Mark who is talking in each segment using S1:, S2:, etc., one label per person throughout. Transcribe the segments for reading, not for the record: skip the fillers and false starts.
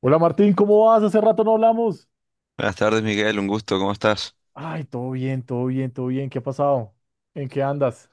S1: Hola Martín, ¿cómo vas? Hace rato no hablamos.
S2: Buenas tardes, Miguel, un gusto, ¿cómo estás?
S1: Ay, todo bien, todo bien, todo bien. ¿Qué ha pasado? ¿En qué andas?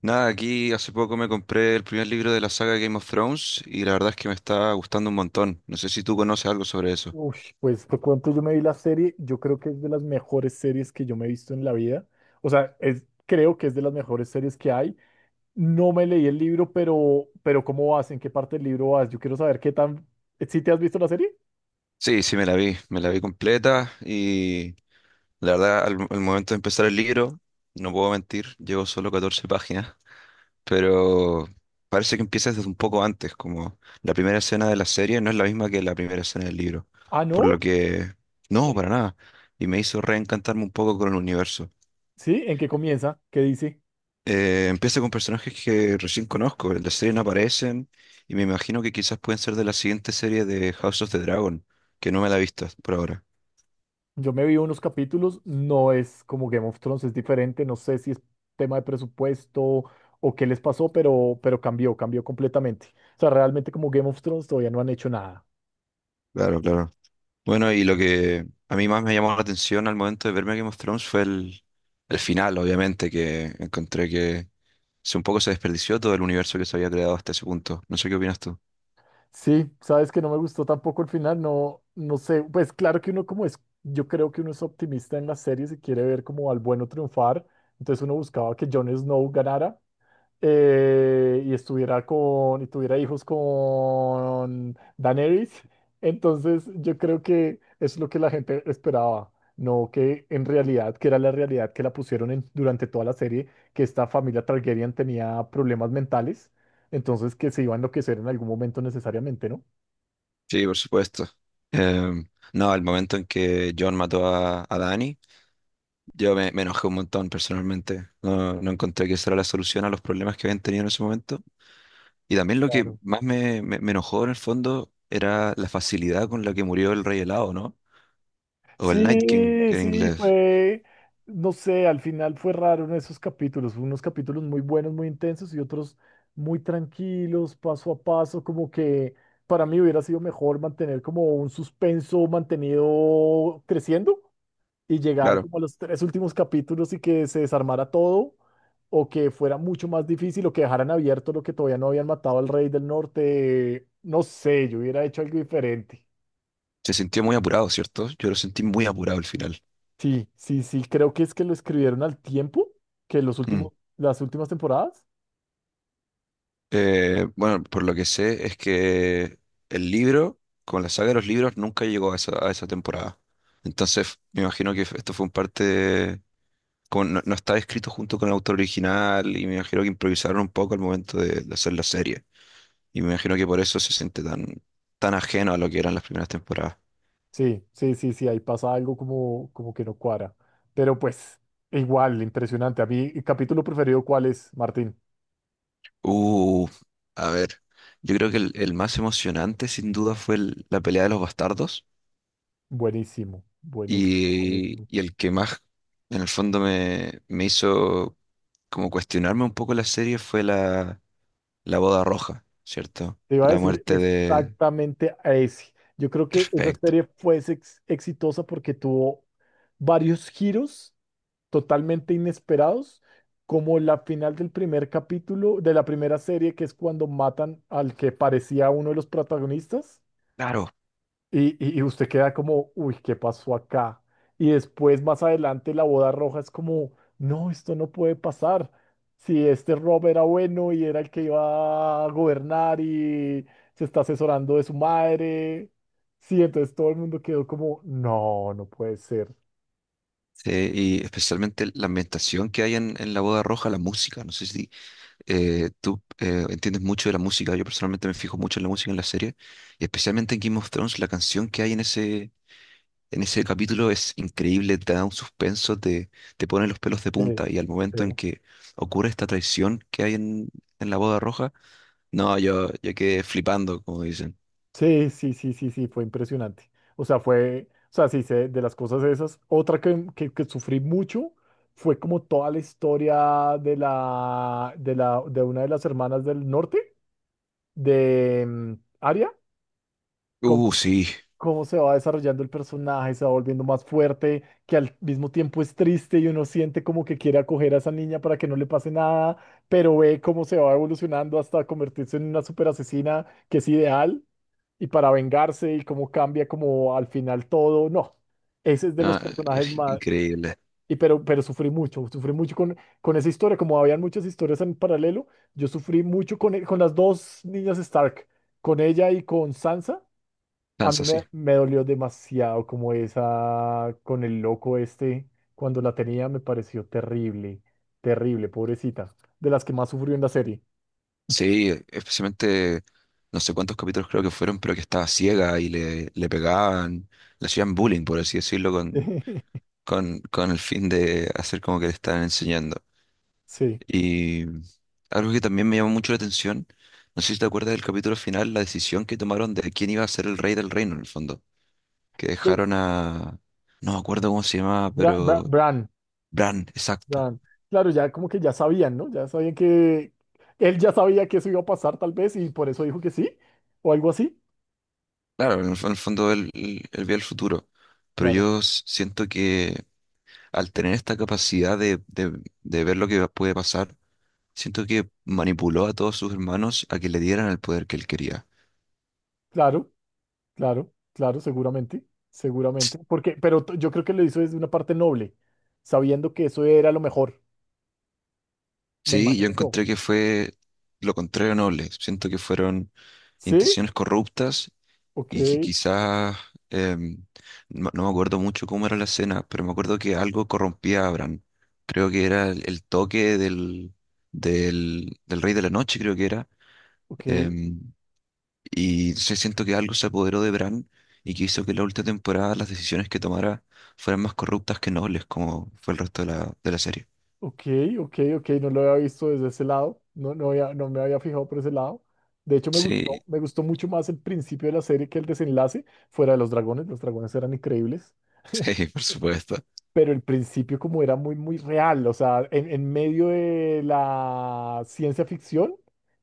S2: Nada, aquí hace poco me compré el primer libro de la saga Game of Thrones y la verdad es que me está gustando un montón. No sé si tú conoces algo sobre eso.
S1: Uy, pues te cuento, yo me vi la serie, yo creo que es de las mejores series que yo me he visto en la vida. O sea, creo que es de las mejores series que hay. No me leí el libro, pero ¿cómo vas? ¿En qué parte del libro vas? Yo quiero saber qué tan... ¿Sí te has visto la serie?
S2: Sí, sí, me la vi completa y la verdad al momento de empezar el libro, no puedo mentir, llevo solo 14 páginas, pero parece que empieza desde un poco antes, como la primera escena de la serie no es la misma que la primera escena del libro,
S1: Ah,
S2: por lo
S1: ¿no?
S2: que no,
S1: ¿Qué?
S2: para nada, y me hizo reencantarme un poco con el universo.
S1: ¿Sí? ¿En qué comienza? ¿Qué dice?
S2: Empieza con personajes que recién conozco, en la serie no aparecen y me imagino que quizás pueden ser de la siguiente serie de House of the Dragon, que no me la he visto por ahora.
S1: Yo me vi unos capítulos, no es como Game of Thrones, es diferente, no sé si es tema de presupuesto o qué les pasó, pero cambió, cambió completamente. O sea, realmente como Game of Thrones todavía no han hecho nada.
S2: Claro, claro. Bueno, y lo que a mí más me llamó la atención al momento de verme Game of Thrones fue el final, obviamente, que encontré que se un poco se desperdició todo el universo que se había creado hasta ese punto. No sé qué opinas tú.
S1: Sí, sabes que no me gustó tampoco el final, no, no sé, pues claro que yo creo que uno es optimista en las series y quiere ver como al bueno triunfar, entonces uno buscaba que Jon Snow ganara, y y tuviera hijos con Daenerys. Entonces, yo creo que es lo que la gente esperaba, no que en realidad, que era la realidad que la pusieron durante toda la serie, que esta familia Targaryen tenía problemas mentales, entonces que se iba a enloquecer en algún momento necesariamente, ¿no?
S2: Sí, por supuesto. No, el momento en que John mató a Dany. Me enojé un montón personalmente. No, no encontré que esa era la solución a los problemas que habían tenido en ese momento. Y también lo que
S1: Claro.
S2: más me enojó en el fondo era la facilidad con la que murió el Rey Helado, ¿no? O el Night King,
S1: Sí,
S2: que en
S1: sí,
S2: inglés.
S1: fue, no sé, al final fue raro en esos capítulos, unos capítulos muy buenos, muy intensos y otros muy tranquilos, paso a paso, como que para mí hubiera sido mejor mantener como un suspenso mantenido creciendo y llegar
S2: Claro.
S1: como a los tres últimos capítulos y que se desarmara todo o que fuera mucho más difícil o que dejaran abierto lo que todavía no habían matado al rey del norte, no sé, yo hubiera hecho algo diferente.
S2: Se sintió muy apurado, ¿cierto? Yo lo sentí muy apurado al final.
S1: Sí, sí, sí, creo que es que lo escribieron al tiempo que
S2: Mm.
S1: las últimas temporadas.
S2: Bueno, por lo que sé es que el libro, con la saga de los libros, nunca llegó a a esa temporada. Entonces, me imagino que esto fue un parte como no, no estaba escrito junto con el autor original y me imagino que improvisaron un poco al momento de hacer la serie. Y me imagino que por eso se siente tan, tan ajeno a lo que eran las primeras temporadas.
S1: Sí, sí, sí, sí, ahí pasa algo como que no cuadra. Pero pues, igual, impresionante. A mí, ¿capítulo preferido cuál es, Martín?
S2: Uh, a ver, yo creo que el más emocionante sin duda fue la pelea de los bastardos,
S1: Buenísimo, buenísimo,
S2: y,
S1: buenísimo.
S2: y el que más en el fondo me hizo como cuestionarme un poco la serie fue la boda roja, ¿cierto?
S1: Te iba a
S2: La
S1: decir
S2: muerte de...
S1: exactamente a ese. Yo creo que esa
S2: Perfecto.
S1: serie fue exitosa porque tuvo varios giros totalmente inesperados, como la final del primer capítulo de la primera serie, que es cuando matan al que parecía uno de los protagonistas.
S2: Claro.
S1: Y usted queda como, uy, ¿qué pasó acá? Y después, más adelante, la boda roja es como, no, esto no puede pasar. Si este Rob era bueno y era el que iba a gobernar y se está asesorando de su madre. Sí, entonces todo el mundo quedó como, no, no puede ser.
S2: Sí, y especialmente la ambientación que hay en la boda roja, la música. No sé si tú entiendes mucho de la música. Yo personalmente me fijo mucho en la música en la serie. Y especialmente en Game of Thrones, la canción que hay en en ese capítulo es increíble, te da un suspenso, te pone los pelos de
S1: Sí,
S2: punta. Y al momento en
S1: sí.
S2: que ocurre esta traición que hay en la boda roja, no, yo quedé flipando, como dicen.
S1: Sí, sí, sí, sí, sí, fue impresionante. O sea, sí, sé de las cosas esas. Otra que sufrí mucho fue como toda la historia de de una de las hermanas del norte, de Arya, cómo, s-
S2: Sí.
S1: cómo se va desarrollando el personaje, se va volviendo más fuerte, que al mismo tiempo es triste y uno siente como que quiere acoger a esa niña para que no le pase nada, pero ve cómo se va evolucionando hasta convertirse en una super asesina que es ideal y para vengarse y cómo cambia como al final todo. No, ese es de los
S2: Ah,
S1: personajes
S2: es
S1: más...
S2: increíble.
S1: Y pero sufrí mucho, con esa historia, como habían muchas historias en paralelo, yo sufrí mucho con las dos niñas Stark, con ella y con Sansa.
S2: Sansa, sí.
S1: Me dolió demasiado como esa, con el loco este, cuando la tenía me pareció terrible, terrible, pobrecita, de las que más sufrió en la serie.
S2: Sí, especialmente no sé cuántos capítulos creo que fueron, pero que estaba ciega y le pegaban, le hacían bullying, por así decirlo, con el fin de hacer como que le estaban enseñando.
S1: Sí.
S2: Y algo que también me llamó mucho la atención, no sé si te acuerdas del capítulo final, la decisión que tomaron de quién iba a ser el rey del reino, en el fondo, que
S1: ¿Qué?
S2: dejaron a... No me acuerdo cómo se llamaba, pero...
S1: Bran.
S2: Bran, exacto.
S1: Dan, claro, ya como que ya sabían, ¿no? Ya sabían que él ya sabía que eso iba a pasar tal vez y por eso dijo que sí o algo así.
S2: Claro, en en el fondo él veía el futuro, pero
S1: Claro,
S2: yo siento que al tener esta capacidad de ver lo que puede pasar, siento que manipuló a todos sus hermanos a que le dieran el poder que él quería.
S1: claro, claro, claro, seguramente, seguramente. Yo creo que lo hizo desde una parte noble, sabiendo que eso era lo mejor, me
S2: Sí, yo
S1: imagino yo.
S2: encontré que fue lo contrario noble. Siento que fueron
S1: ¿Sí?
S2: intenciones corruptas
S1: Ok,
S2: y que quizás, em, no, no me acuerdo mucho cómo era la escena, pero me acuerdo que algo corrompía a Bran. Creo que era el toque del Rey de la Noche, creo que era.
S1: ok,
S2: em, Y se siento que algo se apoderó de Bran y que hizo que la última temporada las decisiones que tomara fueran más corruptas que nobles, como fue el resto de de la serie.
S1: ok, ok, ok, no lo había visto desde ese lado, no me había fijado por ese lado. De hecho,
S2: Sí,
S1: me gustó mucho más el principio de la serie que el desenlace fuera de los dragones. Los dragones eran increíbles.
S2: sí, por supuesto.
S1: Pero el principio como era muy, muy real, o sea, en medio de la ciencia ficción,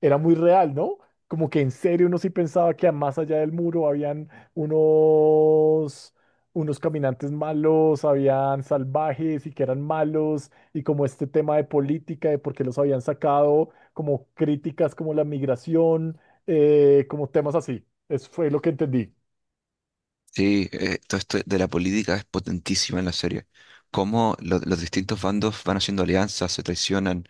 S1: era muy real, ¿no? Como que en serio uno sí pensaba que más allá del muro habían unos, unos caminantes malos, habían salvajes y que eran malos, y como este tema de política, de por qué los habían sacado, como críticas como la migración, como temas así. Eso fue lo que entendí.
S2: Sí, todo esto de la política es potentísima en la serie. Cómo los distintos bandos van haciendo alianzas, se traicionan.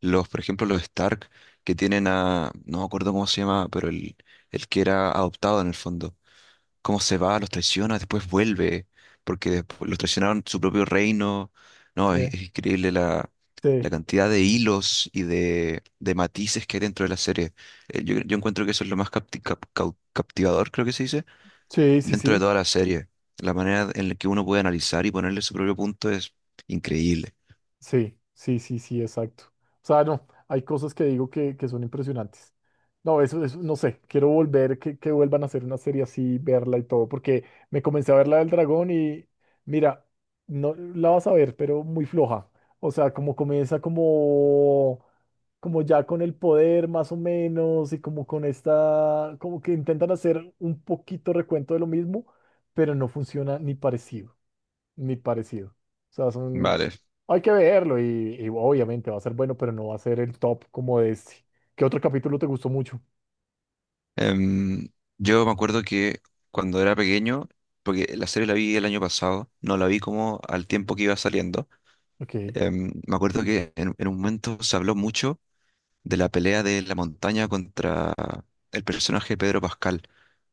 S2: Los, por ejemplo, los Stark, que tienen a, no me acuerdo cómo se llama, pero el que era adoptado en el fondo. Cómo se va, los traiciona, después vuelve, porque después los traicionaron su propio reino. No,
S1: Sí.
S2: es increíble la,
S1: Sí,
S2: la cantidad de hilos y de matices que hay dentro de la serie. Yo encuentro que eso es lo más captivador, creo que se dice,
S1: sí, sí,
S2: dentro de
S1: sí.
S2: toda la serie. La manera en la que uno puede analizar y ponerle su propio punto es increíble.
S1: Sí, sí, sí, sí, exacto. O sea, no, hay cosas que digo que son impresionantes. No, eso, no sé, quiero volver, que vuelvan a hacer una serie así, verla y todo, porque me comencé a ver la del dragón y mira, no la vas a ver, pero muy floja. O sea, como ya con el poder más o menos y como con esta, como que intentan hacer un poquito recuento de lo mismo, pero no funciona ni parecido ni parecido. O sea, son,
S2: Vale.
S1: hay que verlo y obviamente va a ser bueno, pero no va a ser el top como de este. ¿Qué otro capítulo te gustó mucho?
S2: Em, yo me acuerdo que cuando era pequeño, porque la serie la vi el año pasado, no la vi como al tiempo que iba saliendo.
S1: Ok,
S2: Me acuerdo que en un momento se habló mucho de la pelea de la montaña contra el personaje de Pedro Pascal,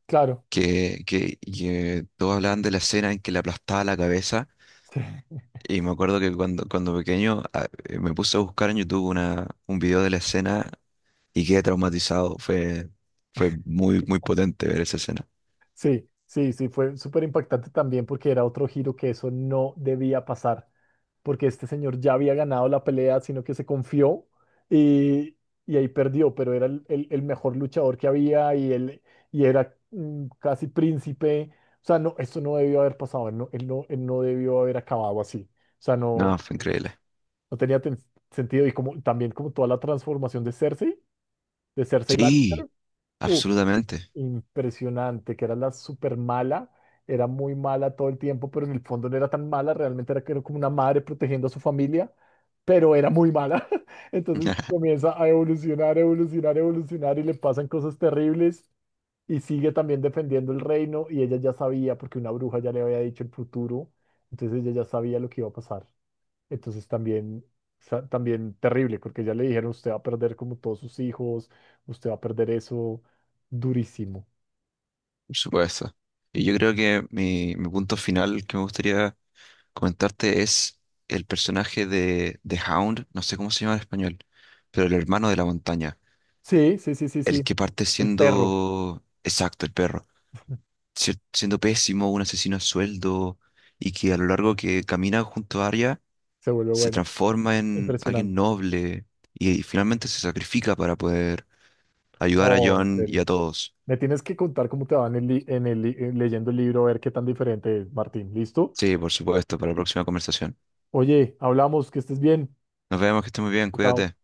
S1: claro.
S2: que todos hablaban de la escena en que le aplastaba la cabeza. Y me acuerdo que cuando pequeño me puse a buscar en YouTube un video de la escena y quedé traumatizado. Fue muy, muy potente ver esa escena.
S1: Sí, sí, sí, fue súper impactante también porque era otro giro que eso no debía pasar, porque este señor ya había ganado la pelea, sino que se confió y, y ahí perdió, pero era el mejor luchador que había y, él, y era casi príncipe. O sea, no, esto no debió haber pasado, él no, él no, él no debió haber acabado así. O sea, no,
S2: No, fue increíble.
S1: no tenía ten- sentido y como, también como toda la transformación de Cersei Lannister
S2: Sí, absolutamente.
S1: impresionante, que era la super mala, era muy mala todo el tiempo, pero en el fondo no era tan mala, que era como una madre protegiendo a su familia, pero era muy mala. Entonces comienza a evolucionar, evolucionar, evolucionar y le pasan cosas terribles y sigue también defendiendo el reino y ella ya sabía, porque una bruja ya le había dicho el futuro, entonces ella ya sabía lo que iba a pasar. Entonces también... también terrible, porque ya le dijeron, usted va a perder como todos sus hijos, usted va a perder eso, durísimo.
S2: Por supuesto. Y yo creo que mi punto final que me gustaría comentarte es el personaje de Hound, no sé cómo se llama en español, pero el hermano de la montaña,
S1: Sí, sí, sí, sí,
S2: el
S1: sí.
S2: que parte
S1: El perro
S2: siendo, exacto, el perro, siendo pésimo, un asesino a sueldo, y que a lo largo que camina junto a Arya
S1: se vuelve
S2: se
S1: bueno.
S2: transforma en alguien
S1: Impresionante.
S2: noble y finalmente se sacrifica para poder ayudar a
S1: No, en
S2: Jon y
S1: serio.
S2: a todos.
S1: Me tienes que contar cómo te va en en leyendo el libro, a ver qué tan diferente es, Martín. ¿Listo?
S2: Sí, por supuesto, para la próxima conversación.
S1: Oye, hablamos, que estés bien.
S2: Nos vemos, que estés muy bien,
S1: Chao.
S2: cuídate.